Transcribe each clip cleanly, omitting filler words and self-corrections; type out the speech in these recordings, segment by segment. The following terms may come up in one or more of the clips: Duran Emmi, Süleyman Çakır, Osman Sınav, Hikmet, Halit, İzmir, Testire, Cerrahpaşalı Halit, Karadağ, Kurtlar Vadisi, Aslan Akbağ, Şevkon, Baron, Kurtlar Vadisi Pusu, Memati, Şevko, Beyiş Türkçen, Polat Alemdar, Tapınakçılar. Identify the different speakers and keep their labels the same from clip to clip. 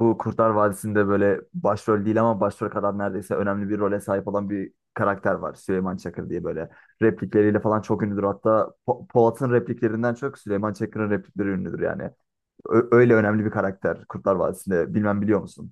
Speaker 1: Bu Kurtlar Vadisi'nde böyle başrol değil ama başrol kadar neredeyse önemli bir role sahip olan bir karakter var. Süleyman Çakır diye böyle replikleriyle falan çok ünlüdür. Hatta Polat'ın repliklerinden çok Süleyman Çakır'ın replikleri ünlüdür yani. Öyle önemli bir karakter Kurtlar Vadisi'nde. Bilmem biliyor musun?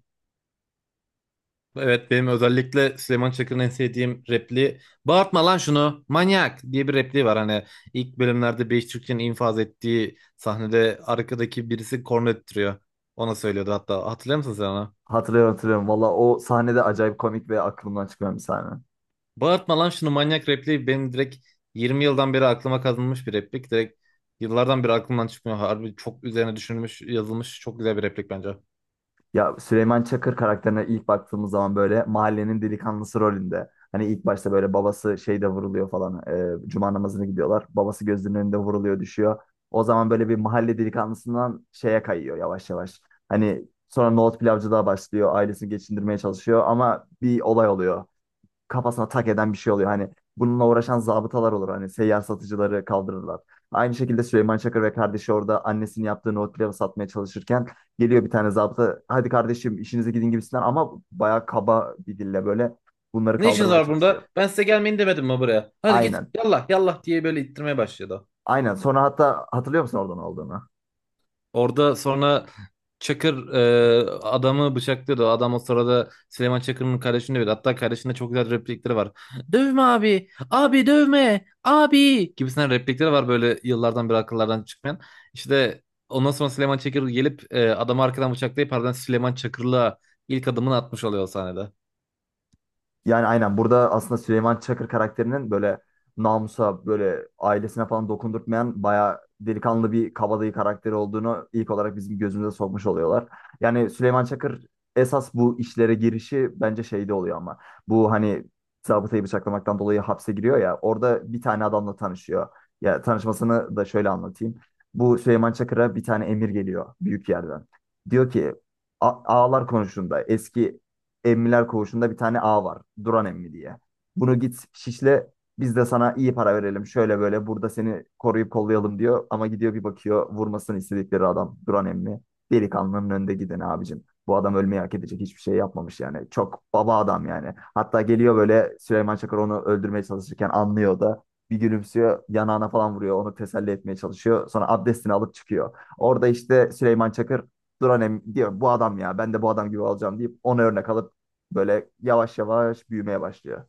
Speaker 2: Evet, benim özellikle Süleyman Çakır'ın en sevdiğim repliği bağırtma lan şunu manyak diye bir repliği var. Hani ilk bölümlerde Beyiş Türkçe'nin infaz ettiği sahnede arkadaki birisi korna öttürüyor. Ona söylüyordu, hatta hatırlıyor musun sen onu?
Speaker 1: Hatırlıyorum, hatırlıyorum. Valla o sahnede acayip komik ve aklımdan çıkmayan bir sahne.
Speaker 2: Bağırtma lan şunu manyak repliği benim direkt 20 yıldan beri aklıma kazınmış bir replik. Direkt yıllardan beri aklımdan çıkmıyor. Harbi çok üzerine düşünülmüş yazılmış çok güzel bir replik bence.
Speaker 1: Ya Süleyman Çakır karakterine ilk baktığımız zaman böyle mahallenin delikanlısı rolünde. Hani ilk başta böyle babası şeyde vuruluyor falan. Cuma namazına gidiyorlar. Babası gözünün önünde vuruluyor, düşüyor. O zaman böyle bir mahalle delikanlısından şeye kayıyor yavaş yavaş. Hani sonra nohut pilavcılığa başlıyor. Ailesini geçindirmeye çalışıyor ama bir olay oluyor, kafasına tak eden bir şey oluyor. Hani bununla uğraşan zabıtalar olur. Hani seyyar satıcıları kaldırırlar. Aynı şekilde Süleyman Çakır ve kardeşi orada annesinin yaptığı nohut pilavı satmaya çalışırken geliyor bir tane zabıta. Hadi kardeşim işinize gidin gibisinden, ama bayağı kaba bir dille böyle bunları
Speaker 2: Ne işiniz
Speaker 1: kaldırmaya
Speaker 2: var
Speaker 1: çalışıyor.
Speaker 2: burada? Ben size gelmeyin demedim mi buraya? Hadi git
Speaker 1: Aynen.
Speaker 2: yallah yallah diye böyle ittirmeye başladı.
Speaker 1: Aynen. Sonra hatta hatırlıyor musun orada ne olduğunu?
Speaker 2: Orada sonra Çakır adamı bıçaklıyordu. Adam o sırada Süleyman Çakır'ın kardeşini dövüyordu. Hatta kardeşinde çok güzel replikleri var. Dövme abi, abi dövme, abi gibisinden replikleri var böyle yıllardan beri akıllardan çıkmayan. İşte ondan sonra Süleyman Çakır gelip adamı arkadan bıçaklayıp ardından Süleyman Çakır'la ilk adımını atmış oluyor o sahnede.
Speaker 1: Yani aynen, burada aslında Süleyman Çakır karakterinin böyle namusa, böyle ailesine falan dokundurtmayan, bayağı delikanlı bir kabadayı karakteri olduğunu ilk olarak bizim gözümüze sokmuş oluyorlar. Yani Süleyman Çakır esas bu işlere girişi bence şeyde oluyor ama, bu hani zabıtayı bıçaklamaktan dolayı hapse giriyor ya, orada bir tane adamla tanışıyor. Ya, tanışmasını da şöyle anlatayım. Bu Süleyman Çakır'a bir tane emir geliyor büyük yerden. Diyor ki "Ağalar konuşunda eski Emmiler Koğuşu'nda bir tane ağ var. Duran Emmi diye. Bunu git şişle, biz de sana iyi para verelim. Şöyle böyle burada seni koruyup kollayalım," diyor. Ama gidiyor, bir bakıyor, vurmasını istedikleri adam Duran Emmi. Delikanlının önde giden abicim. Bu adam ölmeyi hak edecek hiçbir şey yapmamış yani. Çok baba adam yani. Hatta geliyor böyle, Süleyman Çakır onu öldürmeye çalışırken anlıyor da. Bir gülümsüyor, yanağına falan vuruyor, onu teselli etmeye çalışıyor. Sonra abdestini alıp çıkıyor. Orada işte Süleyman Çakır Duran Emmi diyor, bu adam ya, ben de bu adam gibi olacağım deyip ona örnek alıp böyle yavaş yavaş büyümeye başlıyor.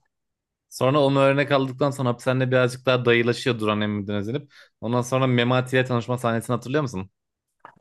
Speaker 2: Sonra onu örnek aldıktan sonra hapishanede birazcık daha dayılaşıyor Duran Emmi'den özenip. Ondan sonra Memati ile tanışma sahnesini hatırlıyor musun?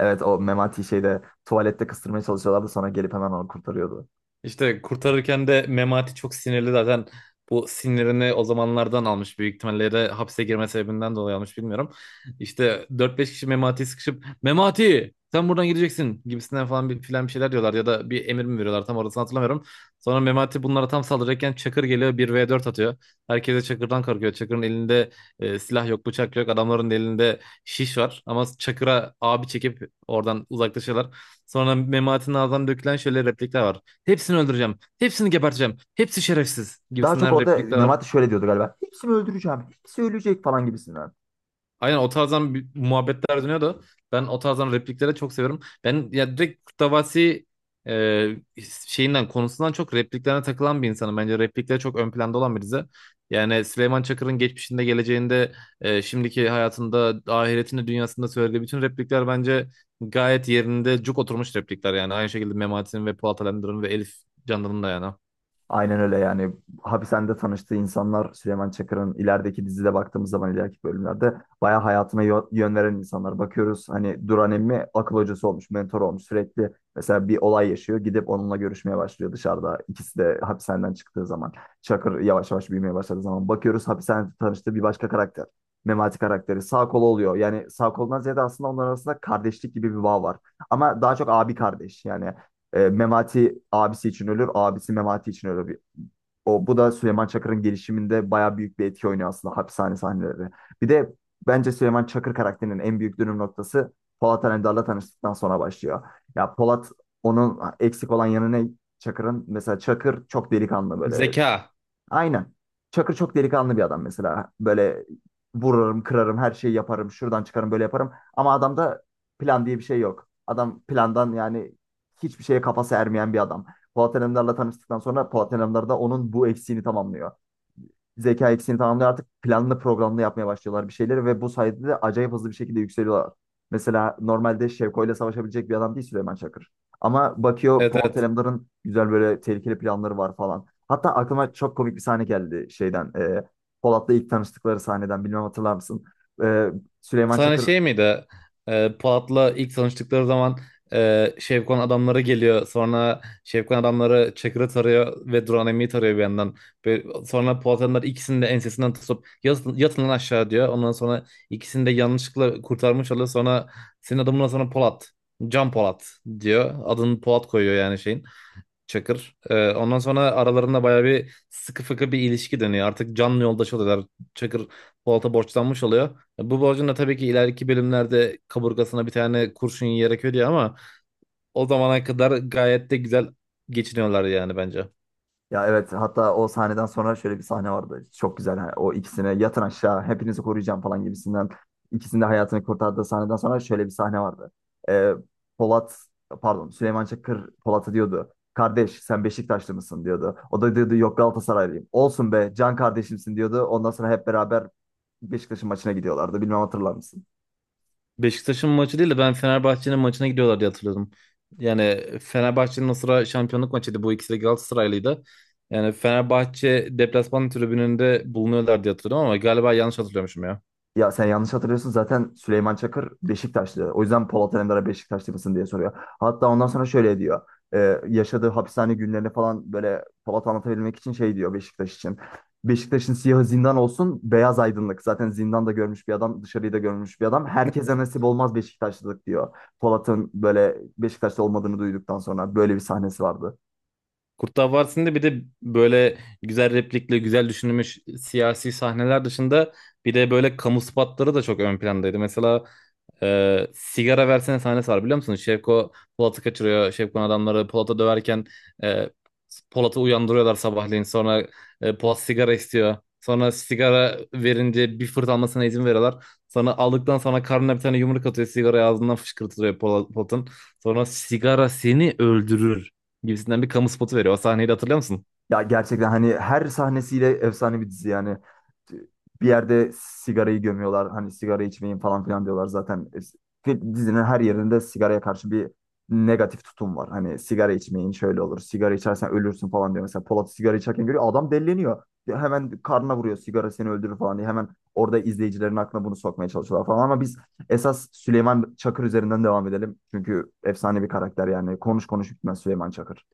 Speaker 1: Evet, o Memati şeyde tuvalette kıstırmaya çalışıyorlardı, sonra gelip hemen onu kurtarıyordu.
Speaker 2: İşte kurtarırken de Memati çok sinirli zaten. Bu sinirini o zamanlardan almış. Büyük ihtimalle de hapse girme sebebinden dolayı almış, bilmiyorum. İşte dört beş kişi Memati'yi sıkışıp Memati sen buradan gideceksin gibisinden falan bir filan bir şeyler diyorlar ya da bir emir mi veriyorlar, tam orasını hatırlamıyorum. Sonra Memati bunlara tam saldıracakken Çakır geliyor bir v dört atıyor. Herkese Çakır'dan korkuyor. Çakır'ın elinde silah yok, bıçak yok, adamların da elinde şiş var ama Çakır'a abi çekip oradan uzaklaşıyorlar. Sonra Memati'nin ağzından dökülen şöyle replikler var. Hepsini öldüreceğim. Hepsini geberteceğim. Hepsi şerefsiz
Speaker 1: Daha çok
Speaker 2: gibisinden
Speaker 1: orada
Speaker 2: replikler var.
Speaker 1: Memati şöyle diyordu galiba. Hepsini öldüreceğim. Hepsi ölecek falan gibisinden.
Speaker 2: Aynen o tarzdan bir muhabbetler dönüyor da ben o tarzdan repliklere çok seviyorum. Ben ya direkt Kurtlar Vadisi e, şeyinden konusundan çok repliklerine takılan bir insanım. Bence replikleri çok ön planda olan bir dizi. Yani Süleyman Çakır'ın geçmişinde, geleceğinde, şimdiki hayatında, ahiretinde, dünyasında söylediği bütün replikler bence gayet yerinde cuk oturmuş replikler yani. Aynı şekilde Memati'nin ve Polat Alemdar'ın ve Elif Candan'ın da yani.
Speaker 1: Aynen öyle yani, hapishanede tanıştığı insanlar Süleyman Çakır'ın ilerideki dizide baktığımız zaman ileriki bölümlerde bayağı hayatına yön veren insanlar. Bakıyoruz, hani Duran emmi akıl hocası olmuş, mentor olmuş, sürekli mesela bir olay yaşıyor, gidip onunla görüşmeye başlıyor dışarıda, ikisi de hapishaneden çıktığı zaman. Çakır yavaş yavaş büyümeye başladığı zaman bakıyoruz, hapishanede tanıştığı bir başka karakter, Memati karakteri sağ kolu oluyor. Yani sağ kolundan ziyade aslında onların arasında kardeşlik gibi bir bağ var. Ama daha çok abi kardeş yani, Memati abisi için ölür, abisi Memati için ölür. O, bu da Süleyman Çakır'ın gelişiminde bayağı büyük bir etki oynuyor aslında, hapishane sahneleri. Bir de bence Süleyman Çakır karakterinin en büyük dönüm noktası Polat Alemdar'la tanıştıktan sonra başlıyor. Ya Polat, onun eksik olan yanı ne? Çakır'ın mesela, Çakır çok delikanlı böyle.
Speaker 2: Zeka.
Speaker 1: Aynen. Çakır çok delikanlı bir adam mesela. Böyle vururum, kırarım, her şeyi yaparım. Şuradan çıkarım, böyle yaparım. Ama adamda plan diye bir şey yok. Adam plandan yani, hiçbir şeye kafası ermeyen bir adam. Polat Alemdar'la tanıştıktan sonra Polat Alemdar da onun bu eksiğini tamamlıyor, zeka eksiğini tamamlıyor. Artık planlı programlı yapmaya başlıyorlar bir şeyleri ve bu sayede de acayip hızlı bir şekilde yükseliyorlar. Mesela normalde Şevko ile savaşabilecek bir adam değil Süleyman Çakır. Ama bakıyor,
Speaker 2: Evet,
Speaker 1: Polat
Speaker 2: evet.
Speaker 1: Alemdar'ın güzel böyle tehlikeli planları var falan. Hatta aklıma çok komik bir sahne geldi şeyden. Polat'la ilk tanıştıkları sahneden bilmem hatırlar mısın? E,
Speaker 2: O
Speaker 1: Süleyman
Speaker 2: sana
Speaker 1: Çakır.
Speaker 2: şey miydi? Polat'la ilk tanıştıkları zaman Şevkon adamları geliyor. Sonra Şevkon adamları Çakır'ı tarıyor ve Duran Emi'yi tarıyor bir yandan. Ve sonra Polat adamlar ikisini de ensesinden tutup yatın, yatın lan aşağı diyor. Ondan sonra ikisini de yanlışlıkla kurtarmış oluyor. Sonra senin adamına sonra Polat. Can Polat diyor. Adını Polat koyuyor yani şeyin. Çakır. Ondan sonra aralarında bayağı bir sıkı fıkı bir ilişki dönüyor. Artık canlı yoldaş oluyorlar. Çakır Polat'a borçlanmış oluyor. Bu borcun da tabii ki ileriki bölümlerde kaburgasına bir tane kurşun yiyerek ödüyor ama o zamana kadar gayet de güzel geçiniyorlar yani bence.
Speaker 1: Ya evet, hatta o sahneden sonra şöyle bir sahne vardı. Çok güzel. Hani o ikisine yatın aşağı, hepinizi koruyacağım falan gibisinden. İkisinin de hayatını kurtardığı sahneden sonra şöyle bir sahne vardı. Ee, Polat pardon Süleyman Çakır Polat'a diyordu. Kardeş sen Beşiktaşlı mısın diyordu. O da diyordu yok, Galatasaraylıyım. Olsun be, can kardeşimsin diyordu. Ondan sonra hep beraber Beşiktaş'ın maçına gidiyorlardı. Bilmem hatırlar mısın?
Speaker 2: Beşiktaş'ın maçı değil de ben Fenerbahçe'nin maçına gidiyorlar diye hatırlıyordum. Yani Fenerbahçe'nin o sıra şampiyonluk maçıydı. Bu ikisi de Galatasaraylıydı. Yani Fenerbahçe deplasman tribününde bulunuyorlar diye hatırlıyorum ama galiba yanlış hatırlıyormuşum ya.
Speaker 1: Ya sen yanlış hatırlıyorsun, zaten Süleyman Çakır Beşiktaşlı. O yüzden Polat Alemdar'a Beşiktaşlı mısın diye soruyor. Hatta ondan sonra şöyle diyor. Yaşadığı hapishane günlerini falan böyle Polat anlatabilmek için şey diyor Beşiktaş için. Beşiktaş'ın siyahı zindan olsun, beyaz aydınlık. Zaten zindanda görmüş bir adam, dışarıyı da görmüş bir adam. Herkese nasip olmaz Beşiktaşlılık diyor. Polat'ın böyle Beşiktaşlı olmadığını duyduktan sonra böyle bir sahnesi vardı.
Speaker 2: Kurtlar Vadisi'nde bir de böyle güzel replikle güzel düşünülmüş siyasi sahneler dışında bir de böyle kamu spotları da çok ön plandaydı. Mesela sigara versene sahnesi var, biliyor musunuz? Şevko Polat'ı kaçırıyor. Şevko'nun adamları Polat'ı döverken e, Polat'ı uyandırıyorlar sabahleyin. Sonra Polat sigara istiyor. Sonra sigara verince bir fırt almasına izin veriyorlar. Sonra aldıktan sonra karnına bir tane yumruk atıyor. Sigara ağzından fışkırtılıyor Polat'ın. Sonra sigara seni öldürür gibisinden bir kamu spotu veriyor. O sahneyi de hatırlıyor musun?
Speaker 1: Ya gerçekten hani her sahnesiyle efsane bir dizi yani. Bir yerde sigarayı gömüyorlar. Hani sigara içmeyin falan filan diyorlar zaten. Dizinin her yerinde sigaraya karşı bir negatif tutum var. Hani sigara içmeyin, şöyle olur. Sigara içersen ölürsün falan diyor. Mesela Polat sigara içerken görüyor, adam delleniyor. Hemen karnına vuruyor, sigara seni öldürür falan diye. Hemen orada izleyicilerin aklına bunu sokmaya çalışıyorlar falan. Ama biz esas Süleyman Çakır üzerinden devam edelim. Çünkü efsane bir karakter yani. Konuş konuş bitmez Süleyman Çakır.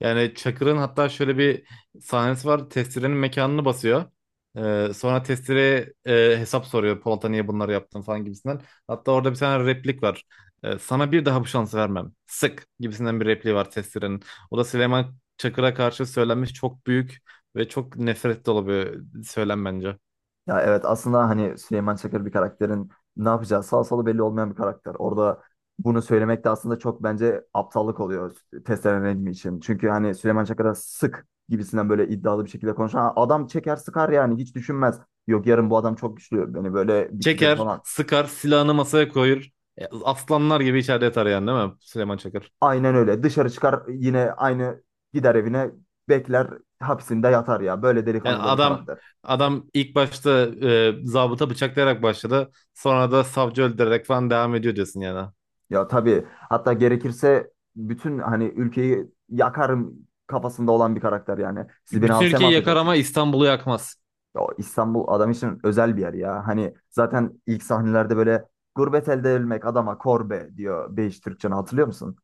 Speaker 2: Yani Çakır'ın hatta şöyle bir sahnesi var. Testire'nin mekanını basıyor. Sonra Testire hesap soruyor. Polat'a niye bunları yaptın falan gibisinden. Hatta orada bir tane replik var. Sana bir daha bu şansı vermem. Sık gibisinden bir repliği var Testire'nin. O da Süleyman Çakır'a karşı söylenmiş çok büyük ve çok nefret dolu bir söylem bence.
Speaker 1: Ya evet, aslında hani Süleyman Çakır bir karakterin ne yapacağı, sağ solu belli olmayan bir karakter. Orada bunu söylemek de aslında çok bence aptallık oluyor test Nedim'i için. Çünkü hani Süleyman Çakır'a sık gibisinden böyle iddialı bir şekilde konuşan. "Ha, adam çeker sıkar yani, hiç düşünmez. Yok yarın bu adam çok güçlü, beni böyle bitirir
Speaker 2: Çeker,
Speaker 1: falan."
Speaker 2: sıkar, silahını masaya koyur. Aslanlar gibi içeride yatar yani, değil mi Süleyman Çakır?
Speaker 1: Aynen öyle, dışarı çıkar yine, aynı gider evine, bekler, hapsinde yatar ya. Böyle
Speaker 2: Yani
Speaker 1: delikanlı da bir
Speaker 2: adam,
Speaker 1: karakter.
Speaker 2: adam ilk başta zabıta bıçaklayarak başladı. Sonra da savcı öldürerek falan devam ediyor diyorsun yani.
Speaker 1: Ya tabii, hatta gerekirse bütün hani ülkeyi yakarım kafasında olan bir karakter yani. Siz beni
Speaker 2: Bütün
Speaker 1: hapse mi
Speaker 2: ülkeyi yakar ama
Speaker 1: atacaksınız?
Speaker 2: İstanbul'u yakmaz.
Speaker 1: Ya o İstanbul adam için özel bir yer ya. Hani zaten ilk sahnelerde böyle gurbet elde edilmek adama korbe diyor Beyiş Türkçen'i, hatırlıyor musun?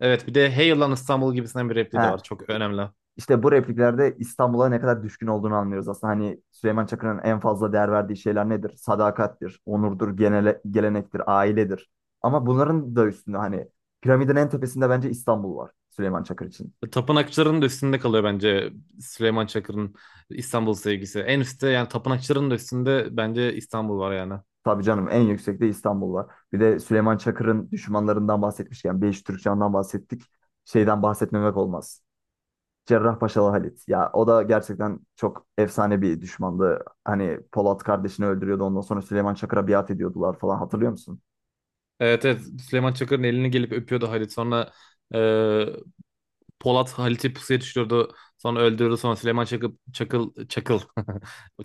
Speaker 2: Evet, bir de Hey lan İstanbul gibisinden bir repliği de
Speaker 1: He.
Speaker 2: var. Çok önemli.
Speaker 1: İşte bu repliklerde İstanbul'a ne kadar düşkün olduğunu anlıyoruz aslında. Hani Süleyman Çakır'ın en fazla değer verdiği şeyler nedir? Sadakattir, onurdur, genele, gelenektir, ailedir. Ama bunların da üstünde hani piramidin en tepesinde bence İstanbul var Süleyman Çakır için.
Speaker 2: Tapınakçıların da üstünde kalıyor bence Süleyman Çakır'ın İstanbul sevgisi. En üstte yani tapınakçıların da üstünde bence İstanbul var yani.
Speaker 1: Tabii canım, en yüksekte İstanbul var. Bir de Süleyman Çakır'ın düşmanlarından bahsetmişken Beyiş Türkcan'dan bahsettik. Şeyden bahsetmemek olmaz. Cerrahpaşalı Halit. Ya o da gerçekten çok efsane bir düşmandı. Hani Polat kardeşini öldürüyordu, ondan sonra Süleyman Çakır'a biat ediyordular falan, hatırlıyor musun?
Speaker 2: Evet, evet, Süleyman Çakır'ın elini gelip öpüyordu Halit. Sonra e, Polat Halit'i pusuya düşürdü. Sonra öldürdü. Sonra Süleyman Çakıl, Çakıl, Çakıl.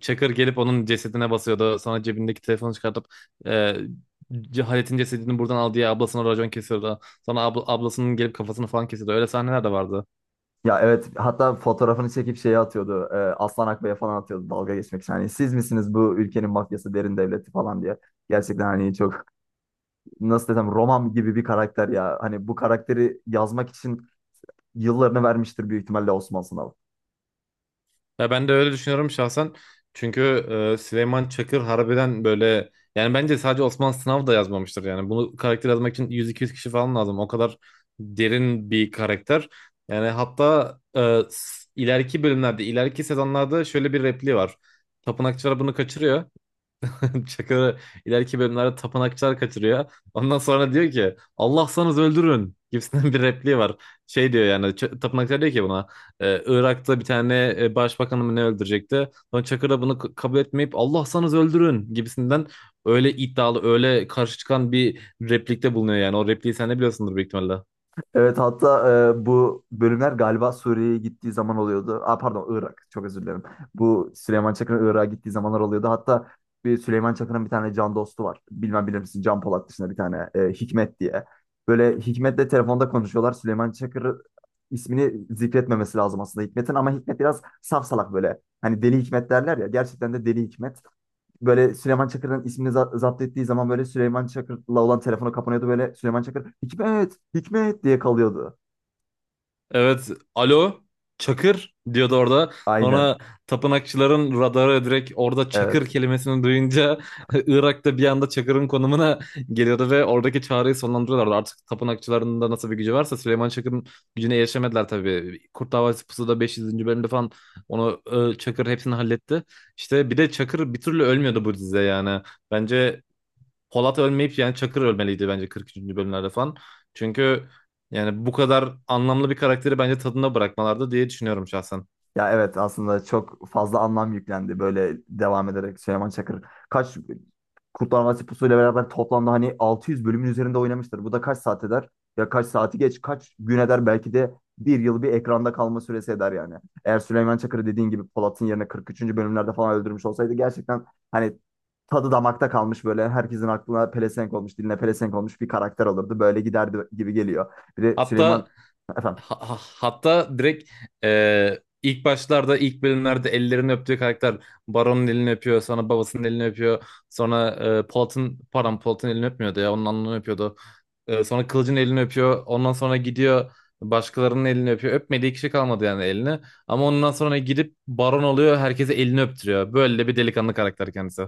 Speaker 2: Çakır gelip onun cesedine basıyordu. Sonra cebindeki telefonu çıkartıp e, Halit'in cesedini buradan al diye ablasına racon kesiyordu. Sonra ablasının gelip kafasını falan kesiyordu. Öyle sahneler de vardı.
Speaker 1: Ya evet, hatta fotoğrafını çekip şeye atıyordu. Aslan Akbağ'a falan atıyordu dalga geçmek için. Hani siz misiniz bu ülkenin mafyası, derin devleti falan diye. Gerçekten hani çok, nasıl desem, roman gibi bir karakter ya. Hani bu karakteri yazmak için yıllarını vermiştir büyük ihtimalle Osman Sınav.
Speaker 2: Ya ben de öyle düşünüyorum şahsen. Çünkü Süleyman Çakır harbiden böyle yani bence sadece Osman Sınav da yazmamıştır yani. Bunu karakter yazmak için 100-200 kişi falan lazım. O kadar derin bir karakter. Yani hatta ileriki bölümlerde, ileriki sezonlarda şöyle bir repliği var. Tapınakçılar bunu kaçırıyor. Çakır, ileriki bölümlerde tapınakçılar kaçırıyor. Ondan sonra diyor ki Allah sanız öldürün gibisinden bir repliği var. Şey diyor yani tapınakçılar diyor ki buna Irak'ta bir tane başbakanı mı ne öldürecekti. Sonra Çakır da bunu kabul etmeyip Allah sanız öldürün gibisinden öyle iddialı, öyle karşı çıkan bir replikte bulunuyor yani. O repliği sen de biliyorsundur büyük ihtimalle.
Speaker 1: Evet, hatta bu bölümler galiba Suriye'ye gittiği zaman oluyordu. Aa, pardon, Irak, çok özür dilerim. Bu Süleyman Çakır'ın Irak'a gittiği zamanlar oluyordu. Hatta bir Süleyman Çakır'ın bir tane can dostu var. Bilmem bilir misin, Can Polat dışında bir tane Hikmet diye. Böyle Hikmet'le telefonda konuşuyorlar. Süleyman Çakır ismini zikretmemesi lazım aslında Hikmet'in, ama Hikmet biraz saf salak böyle. Hani deli Hikmet derler ya, gerçekten de deli Hikmet. Böyle Süleyman Çakır'ın ismini zapt ettiği zaman böyle Süleyman Çakır'la olan telefonu kapanıyordu, böyle Süleyman Çakır Hikmet, Hikmet diye kalıyordu.
Speaker 2: Evet, alo Çakır diyordu orada.
Speaker 1: Aynen.
Speaker 2: Sonra tapınakçıların radarı direkt orada Çakır
Speaker 1: Evet.
Speaker 2: kelimesini duyunca Irak'ta bir anda Çakır'ın konumuna geliyordu ve oradaki çağrıyı sonlandırıyorlardı. Artık tapınakçıların da nasıl bir gücü varsa Süleyman Çakır'ın gücüne erişemediler tabii. Kurt Davası Pusu'da 500. bölümde falan onu Çakır hepsini halletti. İşte bir de Çakır bir türlü ölmüyordu bu dizide yani. Bence Polat ölmeyip yani Çakır ölmeliydi bence 43. bölümlerde falan. Çünkü yani bu kadar anlamlı bir karakteri bence tadında bırakmalardı diye düşünüyorum şahsen.
Speaker 1: Ya evet, aslında çok fazla anlam yüklendi böyle devam ederek Süleyman Çakır. Kaç Kurtlar Vadisi Pusu ile beraber toplamda hani 600 bölümün üzerinde oynamıştır. Bu da kaç saat eder? Ya kaç saati geç, kaç gün eder, belki de bir yıl bir ekranda kalma süresi eder yani. Eğer Süleyman Çakır'ı dediğin gibi Polat'ın yerine 43. bölümlerde falan öldürmüş olsaydı, gerçekten hani tadı damakta kalmış, böyle herkesin aklına pelesenk olmuş, diline pelesenk olmuş bir karakter olurdu. Böyle giderdi gibi geliyor. Bir de Süleyman,
Speaker 2: Hatta
Speaker 1: efendim?
Speaker 2: Direkt ilk başlarda ilk bölümlerde ellerini öptüğü karakter Baron'un elini öpüyor, sonra babasının elini öpüyor, sonra Polat'ın, pardon Polat'ın elini öpmüyordu ya, onun alnını öpüyordu. Sonra Kılıç'ın elini öpüyor, ondan sonra gidiyor başkalarının elini öpüyor, öpmediği kişi kalmadı yani elini, ama ondan sonra gidip Baron oluyor, herkese elini öptürüyor, böyle de bir delikanlı karakter kendisi.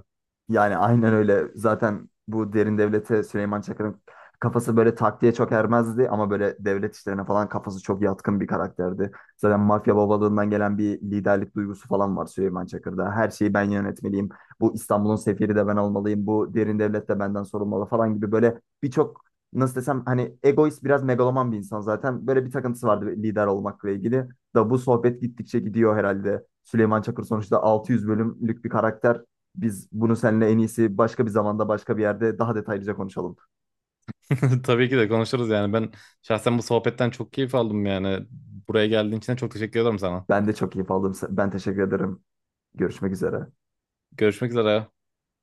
Speaker 1: Yani aynen öyle. Zaten bu derin devlete Süleyman Çakır'ın kafası böyle taktiğe çok ermezdi ama böyle devlet işlerine falan kafası çok yatkın bir karakterdi. Zaten mafya babalığından gelen bir liderlik duygusu falan var Süleyman Çakır'da. Her şeyi ben yönetmeliyim. Bu İstanbul'un sefiri de ben olmalıyım. Bu derin devlet de benden sorulmalı falan gibi, böyle birçok, nasıl desem, hani egoist, biraz megaloman bir insan zaten. Böyle bir takıntısı vardı lider olmakla ilgili. Da bu sohbet gittikçe gidiyor herhalde. Süleyman Çakır sonuçta 600 bölümlük bir karakter, biz bunu seninle en iyisi başka bir zamanda başka bir yerde daha detaylıca konuşalım.
Speaker 2: Tabii ki de konuşuruz yani. Ben şahsen bu sohbetten çok keyif aldım yani. Buraya geldiğin için de çok teşekkür ederim sana.
Speaker 1: Ben de çok keyif aldım. Ben teşekkür ederim. Görüşmek üzere.
Speaker 2: Görüşmek üzere.